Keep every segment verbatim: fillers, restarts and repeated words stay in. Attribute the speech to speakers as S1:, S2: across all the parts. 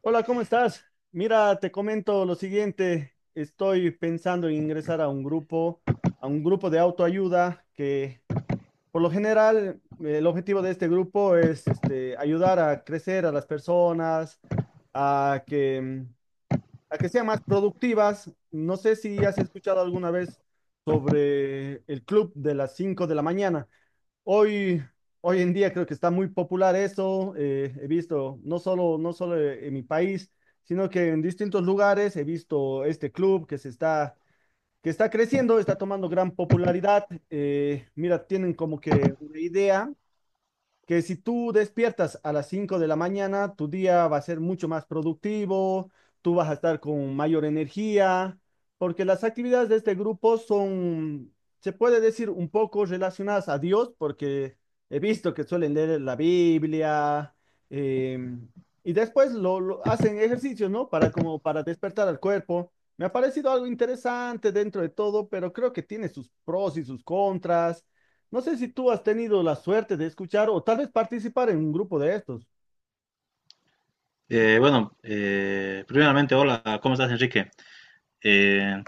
S1: Hola, ¿cómo estás? Mira, te comento lo siguiente. Estoy pensando en ingresar a un grupo, a un grupo de autoayuda que por lo general, eh, el objetivo de este grupo es este, ayudar a crecer a las personas, a que, mm, a que sean más productivas. No sé si has escuchado alguna vez sobre el club de las cinco de la mañana. Hoy, hoy en día creo que está muy popular eso. Eh, he visto no solo, no solo eh, en mi país, sino que en distintos lugares he visto este club que se está, que está creciendo, está tomando gran popularidad. Eh, mira, tienen como que una idea que si tú despiertas a las cinco de la mañana, tu día va a ser mucho más productivo, tú vas a estar con mayor energía, porque las actividades de este grupo son, se puede decir, un poco relacionadas a Dios, porque he visto que suelen leer la Biblia, em, y después lo, lo hacen ejercicios, ¿no? Para, como para despertar al cuerpo. Me ha parecido algo interesante dentro de todo, pero creo que tiene sus pros y sus contras. No sé si tú has tenido la suerte de escuchar o tal vez participar en un grupo de estos.
S2: Eh, bueno, eh, primeramente, hola, ¿cómo estás, Enrique? Eh,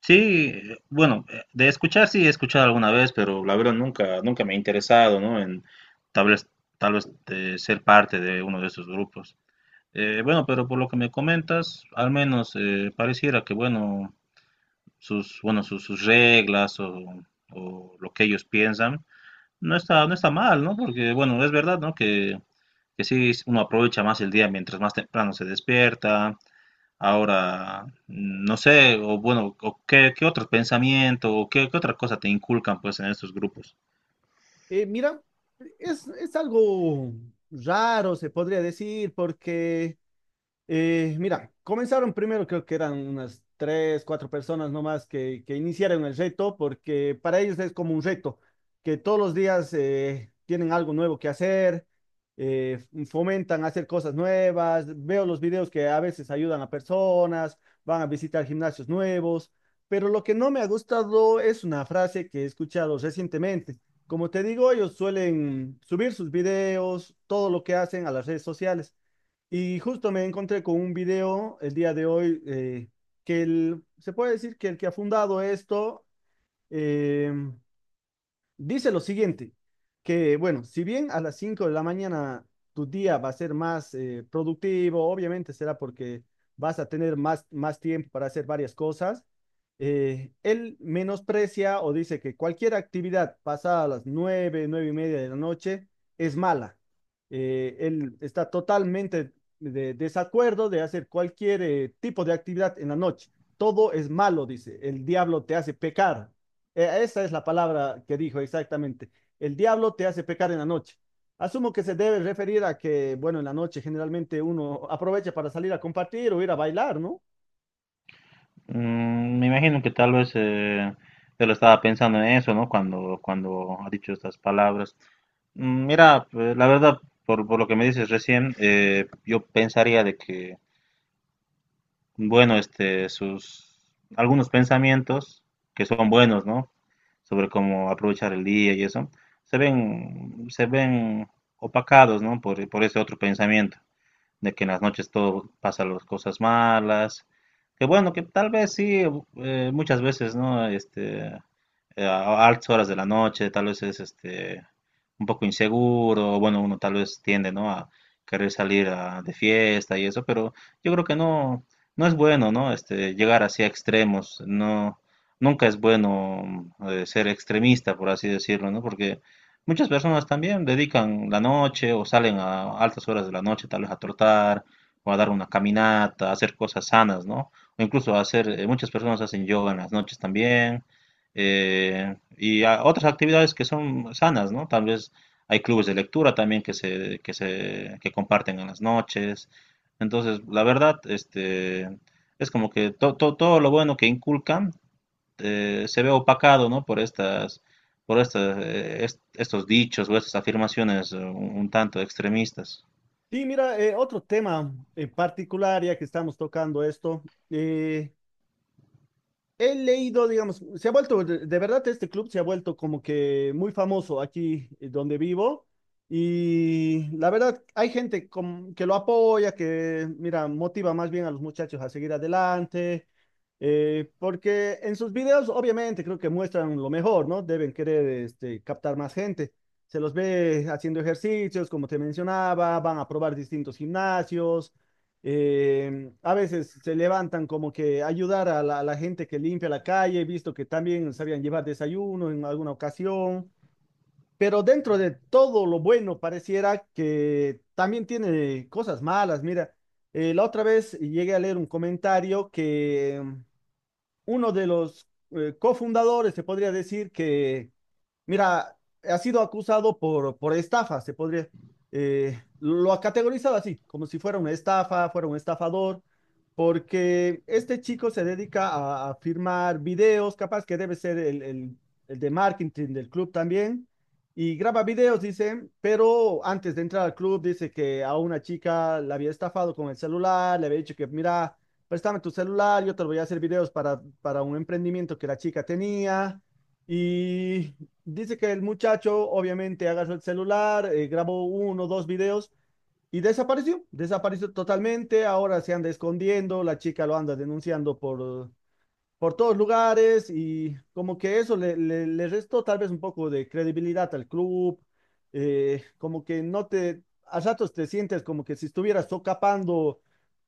S2: sí, eh, bueno, eh, de escuchar sí he escuchado alguna vez, pero la verdad nunca, nunca me he interesado, ¿no? En tal vez, tal vez eh, ser parte de uno de estos grupos. Eh, bueno, pero por lo que me comentas, al menos eh, pareciera que, bueno, sus, bueno, sus, sus reglas o, o lo que ellos piensan no está, no está mal, ¿no? Porque, bueno, es verdad, ¿no? Que, que sí uno aprovecha más el día mientras más temprano se despierta. Ahora, no sé, o bueno, o qué, qué otro pensamiento, o qué, qué otra cosa te inculcan pues en estos grupos.
S1: Eh, mira, es, es algo raro, se podría decir, porque. Eh, mira, comenzaron primero, creo que eran unas tres, cuatro personas nomás que, que iniciaron el reto, porque para ellos es como un reto, que todos los días eh, tienen algo nuevo que hacer, eh, fomentan hacer cosas nuevas, veo los videos que a veces ayudan a personas, van a visitar gimnasios nuevos, pero lo que no me ha gustado es una frase que he escuchado recientemente. Como te digo, ellos suelen subir sus videos, todo lo que hacen a las redes sociales. Y justo me encontré con un video el día de hoy, eh, que el- se puede decir que el que ha fundado esto, eh, dice lo siguiente, que bueno, si bien a las cinco de la mañana tu día va a ser más eh, productivo, obviamente será porque vas a tener más, más tiempo para hacer varias cosas. Eh, él menosprecia o dice que cualquier actividad pasada a las nueve, nueve y media de la noche es mala. Eh, él está totalmente de desacuerdo de hacer cualquier eh, tipo de actividad en la noche. Todo es malo, dice. El diablo te hace pecar, eh, esa es la palabra que dijo exactamente. El diablo te hace pecar en la noche. Asumo que se debe referir a que, bueno, en la noche generalmente uno aprovecha para salir a compartir o ir a bailar, ¿no?
S2: Mm, me imagino que tal vez eh, él estaba pensando en eso, ¿no? Cuando, cuando ha dicho estas palabras. Mm, mira, pues, la verdad, por, por lo que me dices recién, eh, yo pensaría de que bueno, este, sus algunos pensamientos que son buenos, ¿no? Sobre cómo aprovechar el día y eso, se ven, se ven opacados, ¿no? Por, por ese otro pensamiento de que en las noches todo pasa las cosas malas, que bueno, que tal vez sí, eh, muchas veces, ¿no? Este, eh, a altas horas de la noche, tal vez es este, un poco inseguro, o bueno, uno tal vez tiende, ¿no? A querer salir a- de fiesta y eso, pero yo creo que no, no es bueno, ¿no? Este, llegar así a extremos, no, nunca es bueno eh, ser extremista, por así decirlo, ¿no? Porque muchas personas también dedican la noche o salen a altas horas de la noche tal vez a trotar o a dar una caminata, a hacer cosas sanas, ¿no? O incluso hacer, eh, muchas personas hacen yoga en las noches también eh, y a- otras actividades que son sanas, ¿no? Tal vez hay clubes de lectura también que se, que se, que comparten en las noches. Entonces, la verdad, este, es como que to- to- todo lo bueno que inculcan eh, se ve opacado, ¿no? Por estas, por estas, eh, est- estos dichos o estas afirmaciones eh, un, un tanto extremistas.
S1: Sí, mira, eh, otro tema en particular, ya que estamos tocando esto. eh, He leído, digamos, se ha vuelto, de, de verdad este club se ha vuelto como que muy famoso aquí, eh, donde vivo, y la verdad hay gente com- que lo apoya, que mira, motiva más bien a los muchachos a seguir adelante, eh, porque en sus videos obviamente creo que muestran lo mejor, ¿no? Deben querer, este, captar más gente. Se los ve haciendo ejercicios, como te mencionaba, van a probar distintos gimnasios, eh, a veces se levantan como que ayudar a la, a la gente que limpia la calle, visto que también sabían llevar desayuno en alguna ocasión, pero dentro de todo lo bueno pareciera que también tiene cosas malas. Mira, eh, la otra vez llegué a leer un comentario que, mm, uno de los eh, cofundadores, se podría decir que. Mira, ha sido acusado por, por, estafa, se podría, eh, lo ha categorizado así, como si fuera una estafa, fuera un estafador, porque este chico se dedica a, a firmar videos, capaz que debe ser el, el- el de marketing del club también, y graba videos, dice, pero antes de entrar al club dice que a una chica la había estafado con el celular, le había dicho que, mira, préstame tu celular, yo te voy a hacer videos para, para un emprendimiento que la chica tenía. Y dice que el muchacho obviamente agarró el celular, eh, grabó uno o dos videos y desapareció, desapareció totalmente. Ahora se anda escondiendo, la chica lo anda denunciando por por todos lugares y como que eso le, le, le restó tal vez un poco de credibilidad al club. Eh, como que no te, A ratos te sientes como que si estuvieras socapando,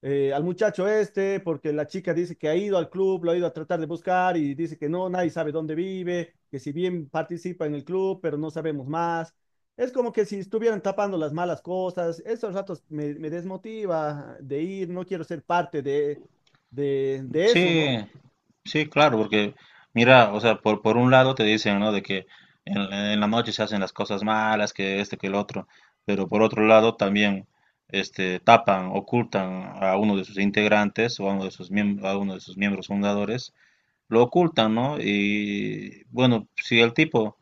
S1: eh, al muchacho este, porque la chica dice que ha ido al club, lo ha ido a tratar de buscar y dice que no, nadie sabe dónde vive, que si bien participa en el club, pero no sabemos más. Es como que si estuvieran tapando las malas cosas, esos ratos me, me desmotiva de ir, no quiero ser parte de, de, de eso,
S2: Sí,
S1: ¿no?
S2: sí, claro, porque mira, o sea, por, por un lado te dicen, ¿no? De que en, en la noche se hacen las cosas malas, que este, que el otro, pero por otro lado también, este, tapan, ocultan a uno de sus integrantes o a uno de sus miembros, a uno de sus miembros fundadores, lo ocultan, ¿no? Y bueno, si el tipo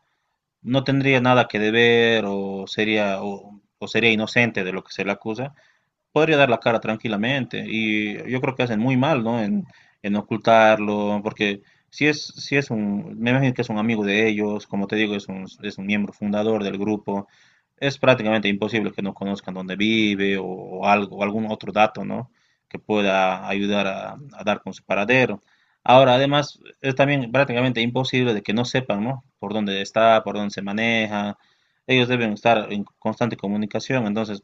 S2: no tendría nada que deber o sería, o, o sería inocente de lo que se le acusa, podría dar la cara tranquilamente y yo creo que hacen muy mal, ¿no? En, en ocultarlo, porque si es, si es un, me imagino que es un amigo de ellos, como te digo, es un, es un miembro fundador del grupo, es prácticamente imposible que no conozcan dónde vive o, o algo, o algún otro dato, ¿no? Que pueda ayudar a, a dar con su paradero. Ahora, además, es también prácticamente imposible de que no sepan, ¿no? Por dónde está, por dónde se maneja. Ellos deben estar en constante comunicación, entonces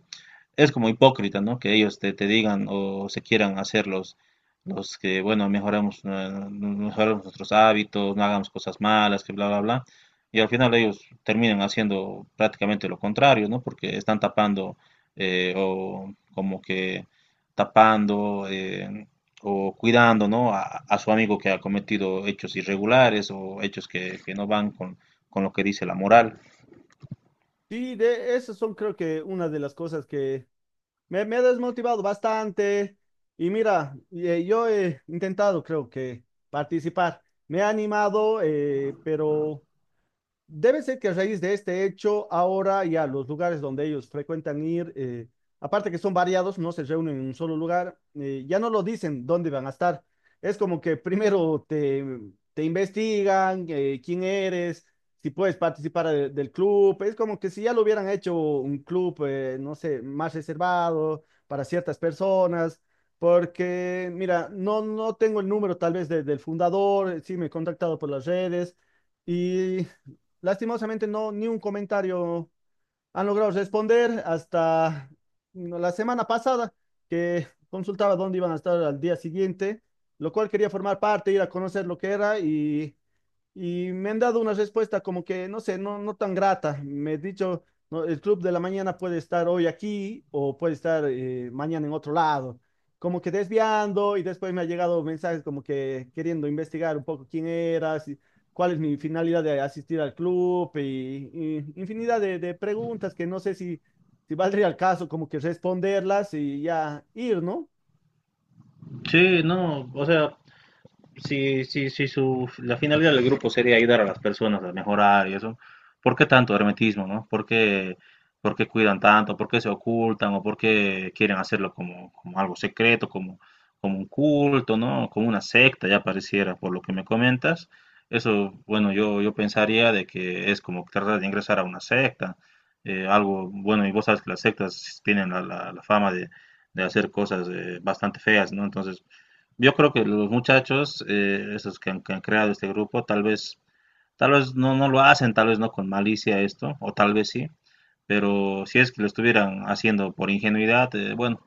S2: es como hipócrita, ¿no? Que ellos te, te digan o se quieran hacer los, los que, bueno, mejoramos, eh, mejoramos nuestros hábitos, no hagamos cosas malas, que bla, bla, bla. Y al final ellos terminan haciendo prácticamente lo contrario, ¿no? Porque están tapando eh, o como que tapando eh, o cuidando, ¿no? A, a su amigo que ha cometido hechos irregulares o hechos que, que no van con, con lo que dice la moral.
S1: Sí, de esas son creo que una de las cosas que me, me ha desmotivado bastante. Y mira, eh, yo he intentado creo que participar. Me ha animado, eh, pero debe ser que a raíz de este hecho, ahora ya los lugares donde ellos frecuentan ir, eh, aparte que son variados, no se reúnen en un solo lugar. Eh, ya no lo dicen dónde van a estar. Es como que primero te, te investigan, eh, quién eres, si puedes participar de- del club. Es como que si ya lo hubieran hecho un club, eh, no sé, más reservado para ciertas personas. Porque, mira, no, no tengo el número tal vez de- del fundador, sí me he contactado por las redes. Y lastimosamente no, ni un comentario han logrado responder hasta, mm, la semana pasada, que consultaba dónde iban a estar al día siguiente, lo cual quería formar parte, ir a conocer lo que era, y y me han dado una respuesta como que, no sé, no, no tan grata. Me he dicho, "No, el club de la mañana puede estar hoy aquí o puede estar, eh, mañana en otro lado." Como que desviando, y después me ha llegado mensajes como que queriendo investigar un poco quién era, si- cuál es mi finalidad de asistir al club, y, y infinidad de, de preguntas que no sé si, si valdría el caso como que responderlas y ya ir, ¿no?
S2: Sí, no, o sea, si, si, si su, la finalidad del grupo sería ayudar a las personas a mejorar y eso, ¿por qué tanto hermetismo, no? ¿Por qué, por qué cuidan tanto? ¿Por qué se ocultan? ¿O por qué quieren hacerlo como, como algo secreto, como, como un culto, ¿no? Como una secta, ya pareciera, por lo que me comentas. Eso, bueno, yo, yo pensaría de que es como tratar de ingresar a una secta, eh, algo, bueno, y vos sabes que las sectas tienen la, la- la fama de, de hacer cosas eh, bastante feas, ¿no? Entonces, yo creo que los muchachos, eh, esos que han, que han creado este grupo, tal vez, tal vez no, no lo hacen, tal vez no con malicia esto, o tal vez sí, pero si es que lo estuvieran haciendo por ingenuidad, eh, bueno,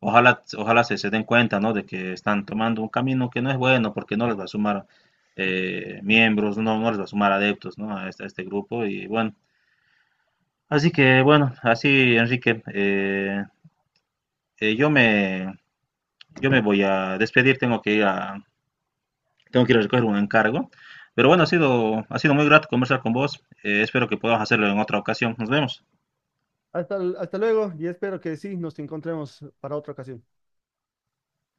S2: ojalá, ojalá se, se den cuenta, ¿no? De que están tomando un camino que no es bueno porque no les va a sumar eh, miembros, no, no les va a sumar adeptos, ¿no? A este, a este grupo y bueno, así que bueno, así Enrique, eh, eh, yo me, yo me voy a despedir, tengo que ir a, tengo que ir a recoger un encargo. Pero bueno, ha sido, ha sido muy grato conversar con vos. Eh, espero que podamos hacerlo en otra ocasión. Nos vemos.
S1: Hasta, hasta luego y espero que sí nos encontremos para otra ocasión.